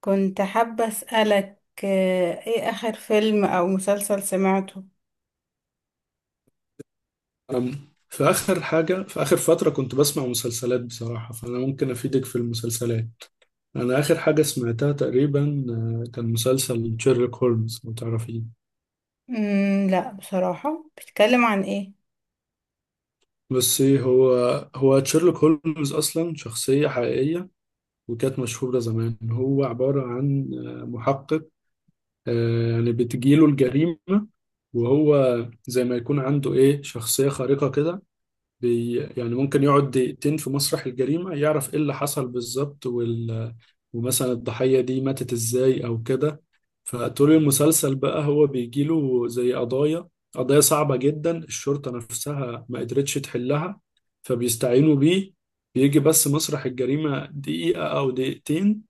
كنت حابة أسألك ايه آخر فيلم أو مسلسل سمعته؟ أم، في آخر حاجة في آخر فترة كنت بسمع مسلسلات بصراحة، فأنا ممكن أفيدك في المسلسلات. أنا آخر حاجة سمعتها تقريبا كان مسلسل شيرلوك هولمز لو تعرفيه. لا بصراحة بيتكلم عن ايه؟ بس إيه هو شيرلوك هولمز أصلا شخصية حقيقية وكانت مشهورة زمان. هو عبارة عن محقق، يعني بتجيله الجريمة، وهو زي ما يكون عنده إيه شخصية خارقة كده. يعني ممكن يقعد دقيقتين في مسرح الجريمة يعرف ايه اللي حصل بالظبط، ومثلا الضحية دي ماتت ازاي او كده. فطول المسلسل بقى هو بيجيله زي قضايا صعبة جدا الشرطة نفسها ما قدرتش تحلها، فبيستعينوا بيه. بيجي بس مسرح الجريمة دقيقة او دقيقتين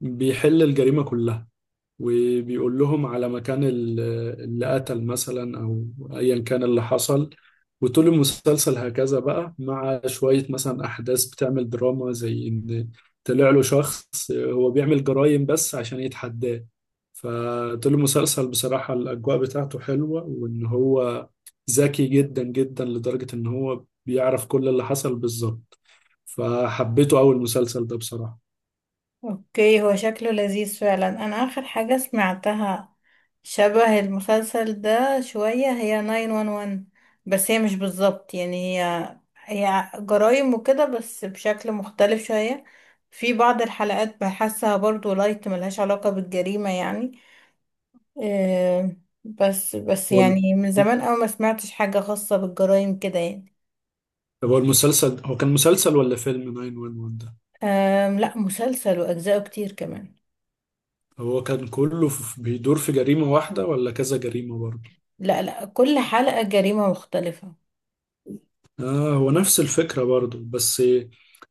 بيحل الجريمة كلها، وبيقول لهم على مكان اللي قتل مثلا او ايا كان اللي حصل. وطول المسلسل هكذا بقى، مع شوية مثلا احداث بتعمل دراما زي ان طلع له شخص هو بيعمل جرائم بس عشان يتحداه. فطول المسلسل بصراحة الاجواء بتاعته حلوة، وان هو ذكي جدا جدا لدرجة ان هو بيعرف كل اللي حصل بالظبط. فحبيته، اول مسلسل ده بصراحة. اوكي هو شكله لذيذ فعلا. أنا آخر حاجة سمعتها شبه المسلسل ده شوية هي 911، بس هي مش بالظبط يعني هي جرايم وكده بس بشكل مختلف شوية. في بعض الحلقات بحسها برضو لايت ملهاش علاقة بالجريمة يعني. آه، بس قول، يعني من زمان أوي ما سمعتش حاجة خاصة بالجرائم كده يعني. طب هو المسلسل هو كان مسلسل ولا فيلم 911 ده؟ لا مسلسل وأجزاءه كتير كمان. هو كان كله بيدور في جريمة واحدة ولا كذا جريمة برضه؟ لا لا كل حلقة جريمة مختلفة. اه هو نفس الفكرة برضه بس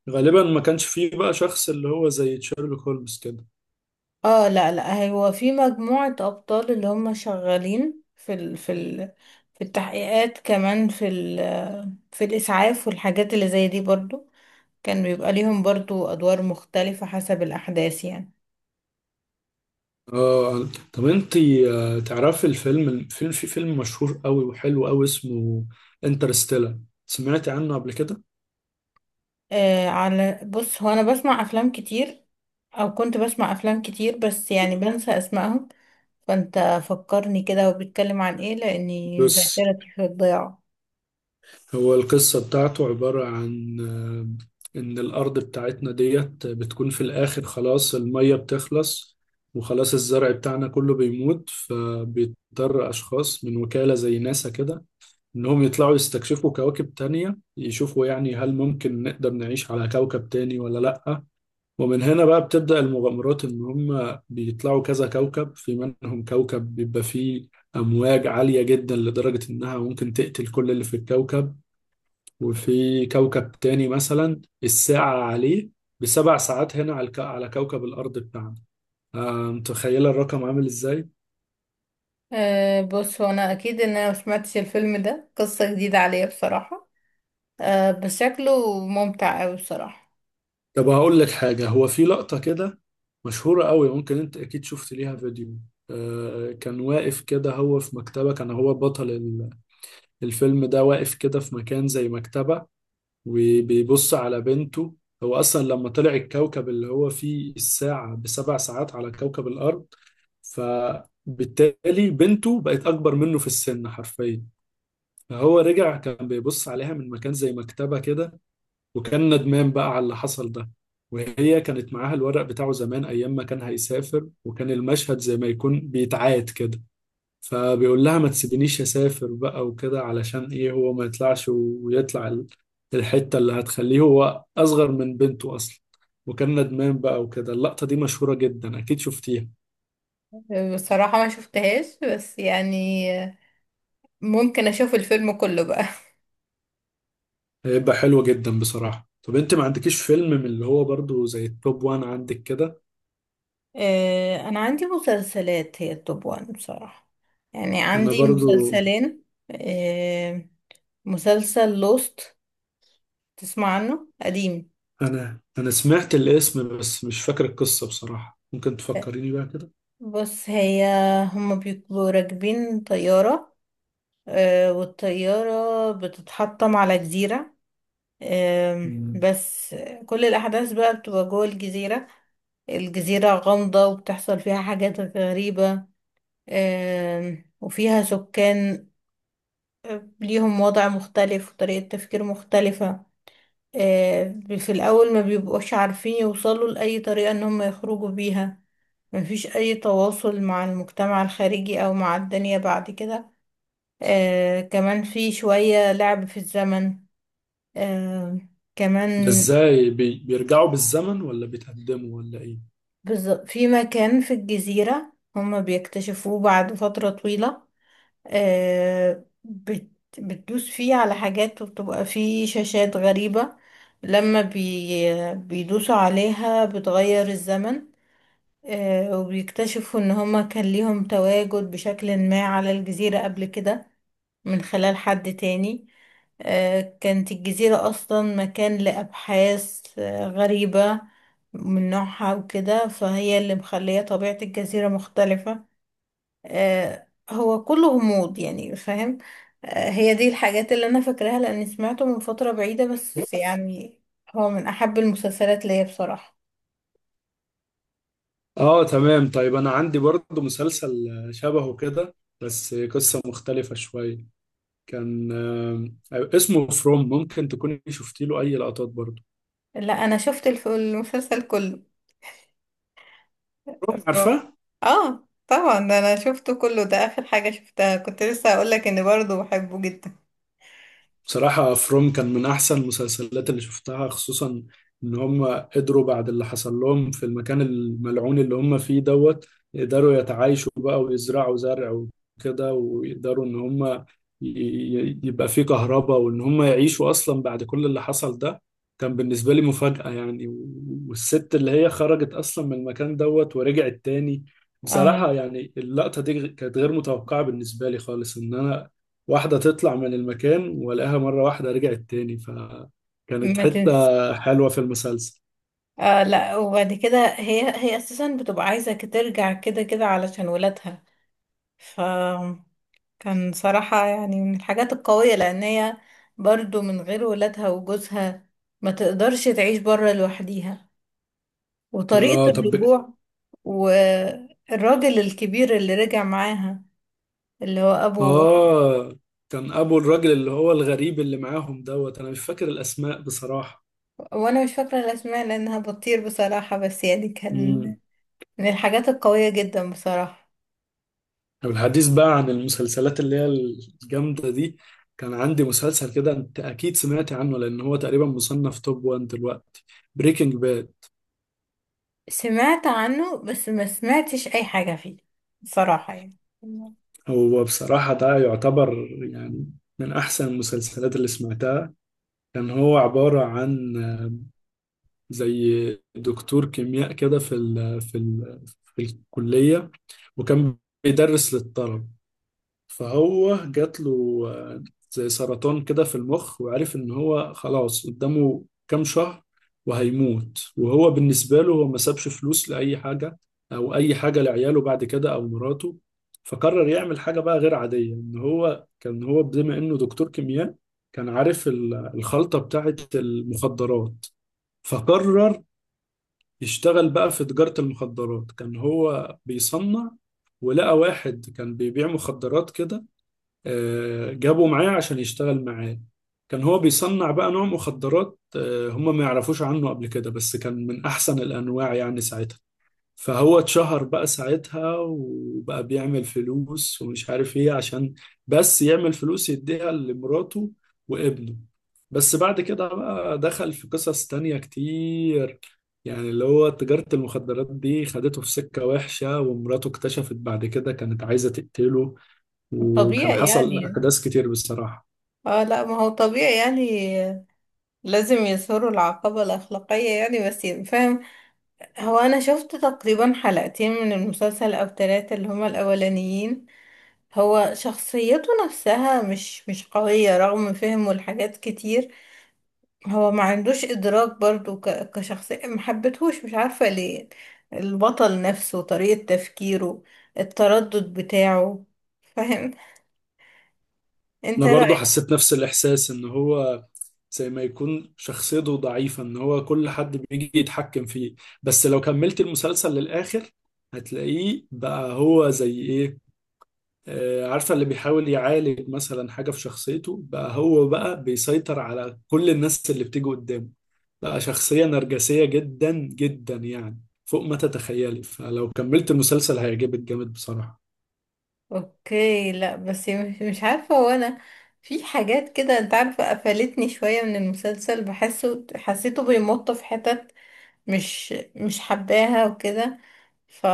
غالبا ما كانش فيه بقى شخص اللي هو زي شيرلوك هولمز كده. اه لا لا هو في مجموعة أبطال اللي هم شغالين في ال في التحقيقات كمان في الإسعاف والحاجات اللي زي دي برضو. كان بيبقى ليهم برضو أدوار مختلفة حسب الأحداث يعني. اه طب انت تعرفي الفيلم الفيلم في فيلم مشهور قوي وحلو قوي اسمه انترستيلر؟ سمعتي عنه قبل كده؟ على بص، هو انا بسمع افلام كتير، او كنت بسمع افلام كتير بس يعني بنسى اسمائهم. فانت فكرني كده، وبيتكلم عن ايه لاني بص، ذاكرتي في الضياع. هو القصة بتاعته عبارة عن إن الأرض بتاعتنا ديت بتكون في الآخر خلاص المية بتخلص وخلاص الزرع بتاعنا كله بيموت، فبيضطر أشخاص من وكالة زي ناسا كده إنهم يطلعوا يستكشفوا كواكب تانية، يشوفوا يعني هل ممكن نقدر نعيش على كوكب تاني ولا لأ. ومن هنا بقى بتبدأ المغامرات إن هم بيطلعوا كذا كوكب، في منهم كوكب بيبقى فيه أمواج عالية جدا لدرجة إنها ممكن تقتل كل اللي في الكوكب، وفي كوكب تاني مثلا الساعة عليه بسبع ساعات هنا على على كوكب الأرض بتاعنا. متخيلة الرقم عامل إزاي؟ بص، هو انا اكيد ان انا مسمعتش الفيلم ده، قصة جديدة عليا بصراحة. بس شكله ممتع اوي بصراحة. طب هقول لك حاجة، هو في لقطة كده مشهورة قوي ممكن أنت أكيد شفت ليها فيديو. كان واقف كده هو في مكتبة، كان هو بطل الفيلم ده واقف كده في مكان زي مكتبة وبيبص على بنته. هو أصلا لما طلع الكوكب اللي هو فيه الساعة بسبع ساعات على كوكب الأرض، فبالتالي بنته بقت أكبر منه في السن حرفيا. فهو رجع كان بيبص عليها من مكان زي مكتبة كده، وكان ندمان بقى على اللي حصل ده. وهي كانت معاها الورق بتاعه زمان أيام ما كان هيسافر، وكان المشهد زي ما يكون بيتعاد كده. فبيقول لها ما تسيبينيش أسافر بقى وكده، علشان إيه هو ما يطلعش ويطلع الحتة اللي هتخليه هو أصغر من بنته أصلا، وكان ندمان بقى وكده. اللقطة دي مشهورة جدا أكيد شفتيها. بصراحة ما شفتهاش بس يعني ممكن اشوف الفيلم كله بقى. هيبقى حلو جدا بصراحة. طب انت ما عندكيش فيلم من اللي هو برضو زي التوب وان عندك كده؟ أنا عندي مسلسلات هي التوب وان بصراحة، يعني انا عندي برضو. مسلسلين. آه، مسلسل لوست، تسمع عنه قديم. انا سمعت الاسم بس مش فاكر القصة بصراحة، ممكن تفكريني بقى كده. بص، هي هما بيبقوا راكبين طيارة، والطيارة بتتحطم على جزيرة. آم، مم. بس كل الأحداث بقى بتبقى جوه الجزيرة. الجزيرة غامضة وبتحصل فيها حاجات غريبة. وفيها سكان ليهم وضع مختلف وطريقة تفكير مختلفة. في الأول ما بيبقوش عارفين يوصلوا لأي طريقة إن هم يخرجوا بيها. مفيش أي تواصل مع المجتمع الخارجي أو مع الدنيا بعد كده. كمان في شوية لعب في الزمن. آه، ده كمان ازاي بيرجعوا بالزمن ولا بيتقدموا ولا ايه؟ في مكان في الجزيرة هم بيكتشفوه بعد فترة طويلة. آه، بت بتدوس فيه على حاجات، وبتبقى فيه شاشات غريبة لما بيدوسوا عليها بتغير الزمن. وبيكتشفوا ان هما كان ليهم تواجد بشكل ما على الجزيرة قبل كده من خلال حد تاني. كانت الجزيرة أصلا مكان لأبحاث غريبة من نوعها وكده، فهي اللي مخلية طبيعة الجزيرة مختلفة. هو كله غموض يعني، فاهم. هي دي الحاجات اللي انا فاكراها لاني سمعته من فترة بعيدة، بس يعني هو من احب المسلسلات ليا بصراحة. اه تمام. طيب انا عندي برضو مسلسل شبهه كده، بس قصة مختلفة شوية. كان اسمه فروم، ممكن تكوني شفتي له اي لقطات برضو؟ لا، انا شفت المسلسل كله. فروم افراد. عارفة. اه طبعا، ده انا شفته كله، ده اخر حاجة شفتها، كنت لسه هقول لك اني برضه بحبه جدا. بصراحة فروم كان من أحسن المسلسلات اللي شفتها، خصوصا إن هم قدروا بعد اللي حصل لهم في المكان الملعون اللي هم فيه دوت يقدروا يتعايشوا بقى ويزرعوا زرع وكده، ويقدروا إن هم يبقى فيه كهرباء وإن هم يعيشوا أصلا بعد كل اللي حصل ده. كان بالنسبة لي مفاجأة يعني والست اللي هي خرجت أصلا من المكان دوت ورجعت تاني. اه، بصراحة يعني اللقطة دي كانت غير متوقعة بالنسبة لي خالص، إن أنا واحدة تطلع من المكان والاقيها مرة واحدة رجعت تاني، فكانت ما تنسى. حتة حلوة في المسلسل. آه لا، وبعد كده هي اساسا بتبقى عايزة ترجع كده كده علشان ولادها، ف كان صراحة يعني من الحاجات القوية، لأن هي برضو من غير ولادها وجوزها ما تقدرش تعيش برا لوحديها. وطريقة اه طب. الرجوع، والراجل الكبير اللي رجع معاها اللي هو أبو. اه كان ابو الراجل اللي هو الغريب اللي معاهم دوت، انا مش فاكر الاسماء بصراحة. وأنا مش فاكرة الأسماء لأنها بطير بصراحة، بس يعني كان امم من الحاجات القوية جدا بصراحة. طب الحديث بقى عن المسلسلات اللي هي الجامدة دي. كان عندي مسلسل كده انت اكيد سمعت عنه لان هو تقريبا مصنف توب 1 دلوقتي، بريكنج باد. سمعت عنه بس ما سمعتش أي حاجة فيه بصراحة يعني. هو بصراحة ده يعتبر يعني من احسن المسلسلات اللي سمعتها. كان هو عبارة عن زي دكتور كيمياء كده في الكلية وكان بيدرس للطلب. فهو جات له زي سرطان كده في المخ، وعرف ان هو خلاص قدامه كام شهر وهيموت. وهو بالنسبة له هو ما سابش فلوس لأي حاجة أو أي حاجة لعياله بعد كده أو مراته. فقرر يعمل حاجة بقى غير عادية، إن هو كان هو بما إنه دكتور كيمياء كان عارف الخلطة بتاعت المخدرات، فقرر يشتغل بقى في تجارة المخدرات. كان هو بيصنع، ولقى واحد كان بيبيع مخدرات كده، جابه معاه عشان يشتغل معاه. كان هو بيصنع بقى نوع مخدرات هم ما يعرفوش عنه قبل كده بس كان من أحسن الأنواع يعني ساعتها. فهو اتشهر بقى ساعتها وبقى بيعمل فلوس ومش عارف ايه، عشان بس يعمل فلوس يديها لمراته وابنه. بس بعد كده بقى دخل في قصص تانية كتير، يعني اللي هو تجارة المخدرات دي خدته في سكة وحشة، ومراته اكتشفت بعد كده كانت عايزة تقتله، وكان طبيعي حصل يعني. أحداث كتير بصراحة. اه لا، ما هو طبيعي يعني، لازم يظهروا العقبة الأخلاقية يعني. بس فاهم، هو أنا شفت تقريبا حلقتين من المسلسل أو تلاتة اللي هما الأولانيين. هو شخصيته نفسها مش قوية رغم فهمه لحاجات كتير. هو ما عندوش إدراك برضو كشخصية، ما حبيتهوش، مش عارفة ليه. البطل نفسه، طريقة تفكيره، التردد بتاعه، فاهم. انت انا برضو رأيك؟ حسيت نفس الاحساس ان هو زي ما يكون شخصيته ضعيفة ان هو كل حد بيجي يتحكم فيه. بس لو كملت المسلسل للاخر هتلاقيه بقى هو زي ايه، عارفة اللي بيحاول يعالج مثلا حاجة في شخصيته بقى هو بقى بيسيطر على كل الناس اللي بتيجي قدامه. بقى شخصية نرجسية جدا جدا يعني فوق ما تتخيلي. فلو كملت المسلسل هيعجبك جامد بصراحة. اوكي، لا بس مش عارفة. هو انا في حاجات كده، انت عارفة، قفلتني شوية من المسلسل، بحسه، حسيته بيمط في حتت مش حباها وكده، ف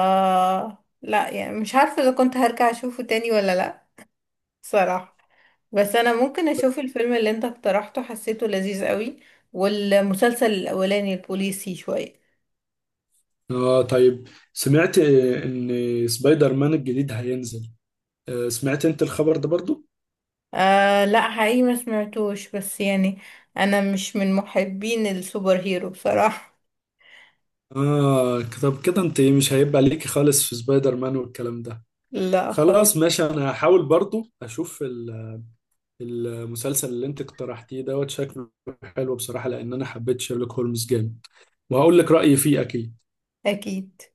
لا، يعني مش عارفة اذا كنت هرجع اشوفه تاني ولا لا، صراحة. بس انا ممكن اشوف الفيلم اللي انت اقترحته، حسيته لذيذ قوي، والمسلسل الاولاني البوليسي شوية. اه طيب، سمعت ان سبايدر مان الجديد هينزل؟ سمعت انت الخبر ده برضو؟ آه لا، حقيقي ما سمعتوش، بس يعني انا مش من محبين السوبر هيرو بصراحة. اه طب كده انت مش هيبقى ليكي خالص في سبايدر مان والكلام ده؟ لا خالص. خلاص ماشي، انا هحاول برضو اشوف المسلسل اللي انت اقترحتيه دوت، شكله حلو بصراحة لان انا حبيت شيرلوك هولمز جامد. وهقول لك رأيي فيه اكيد. اكيد.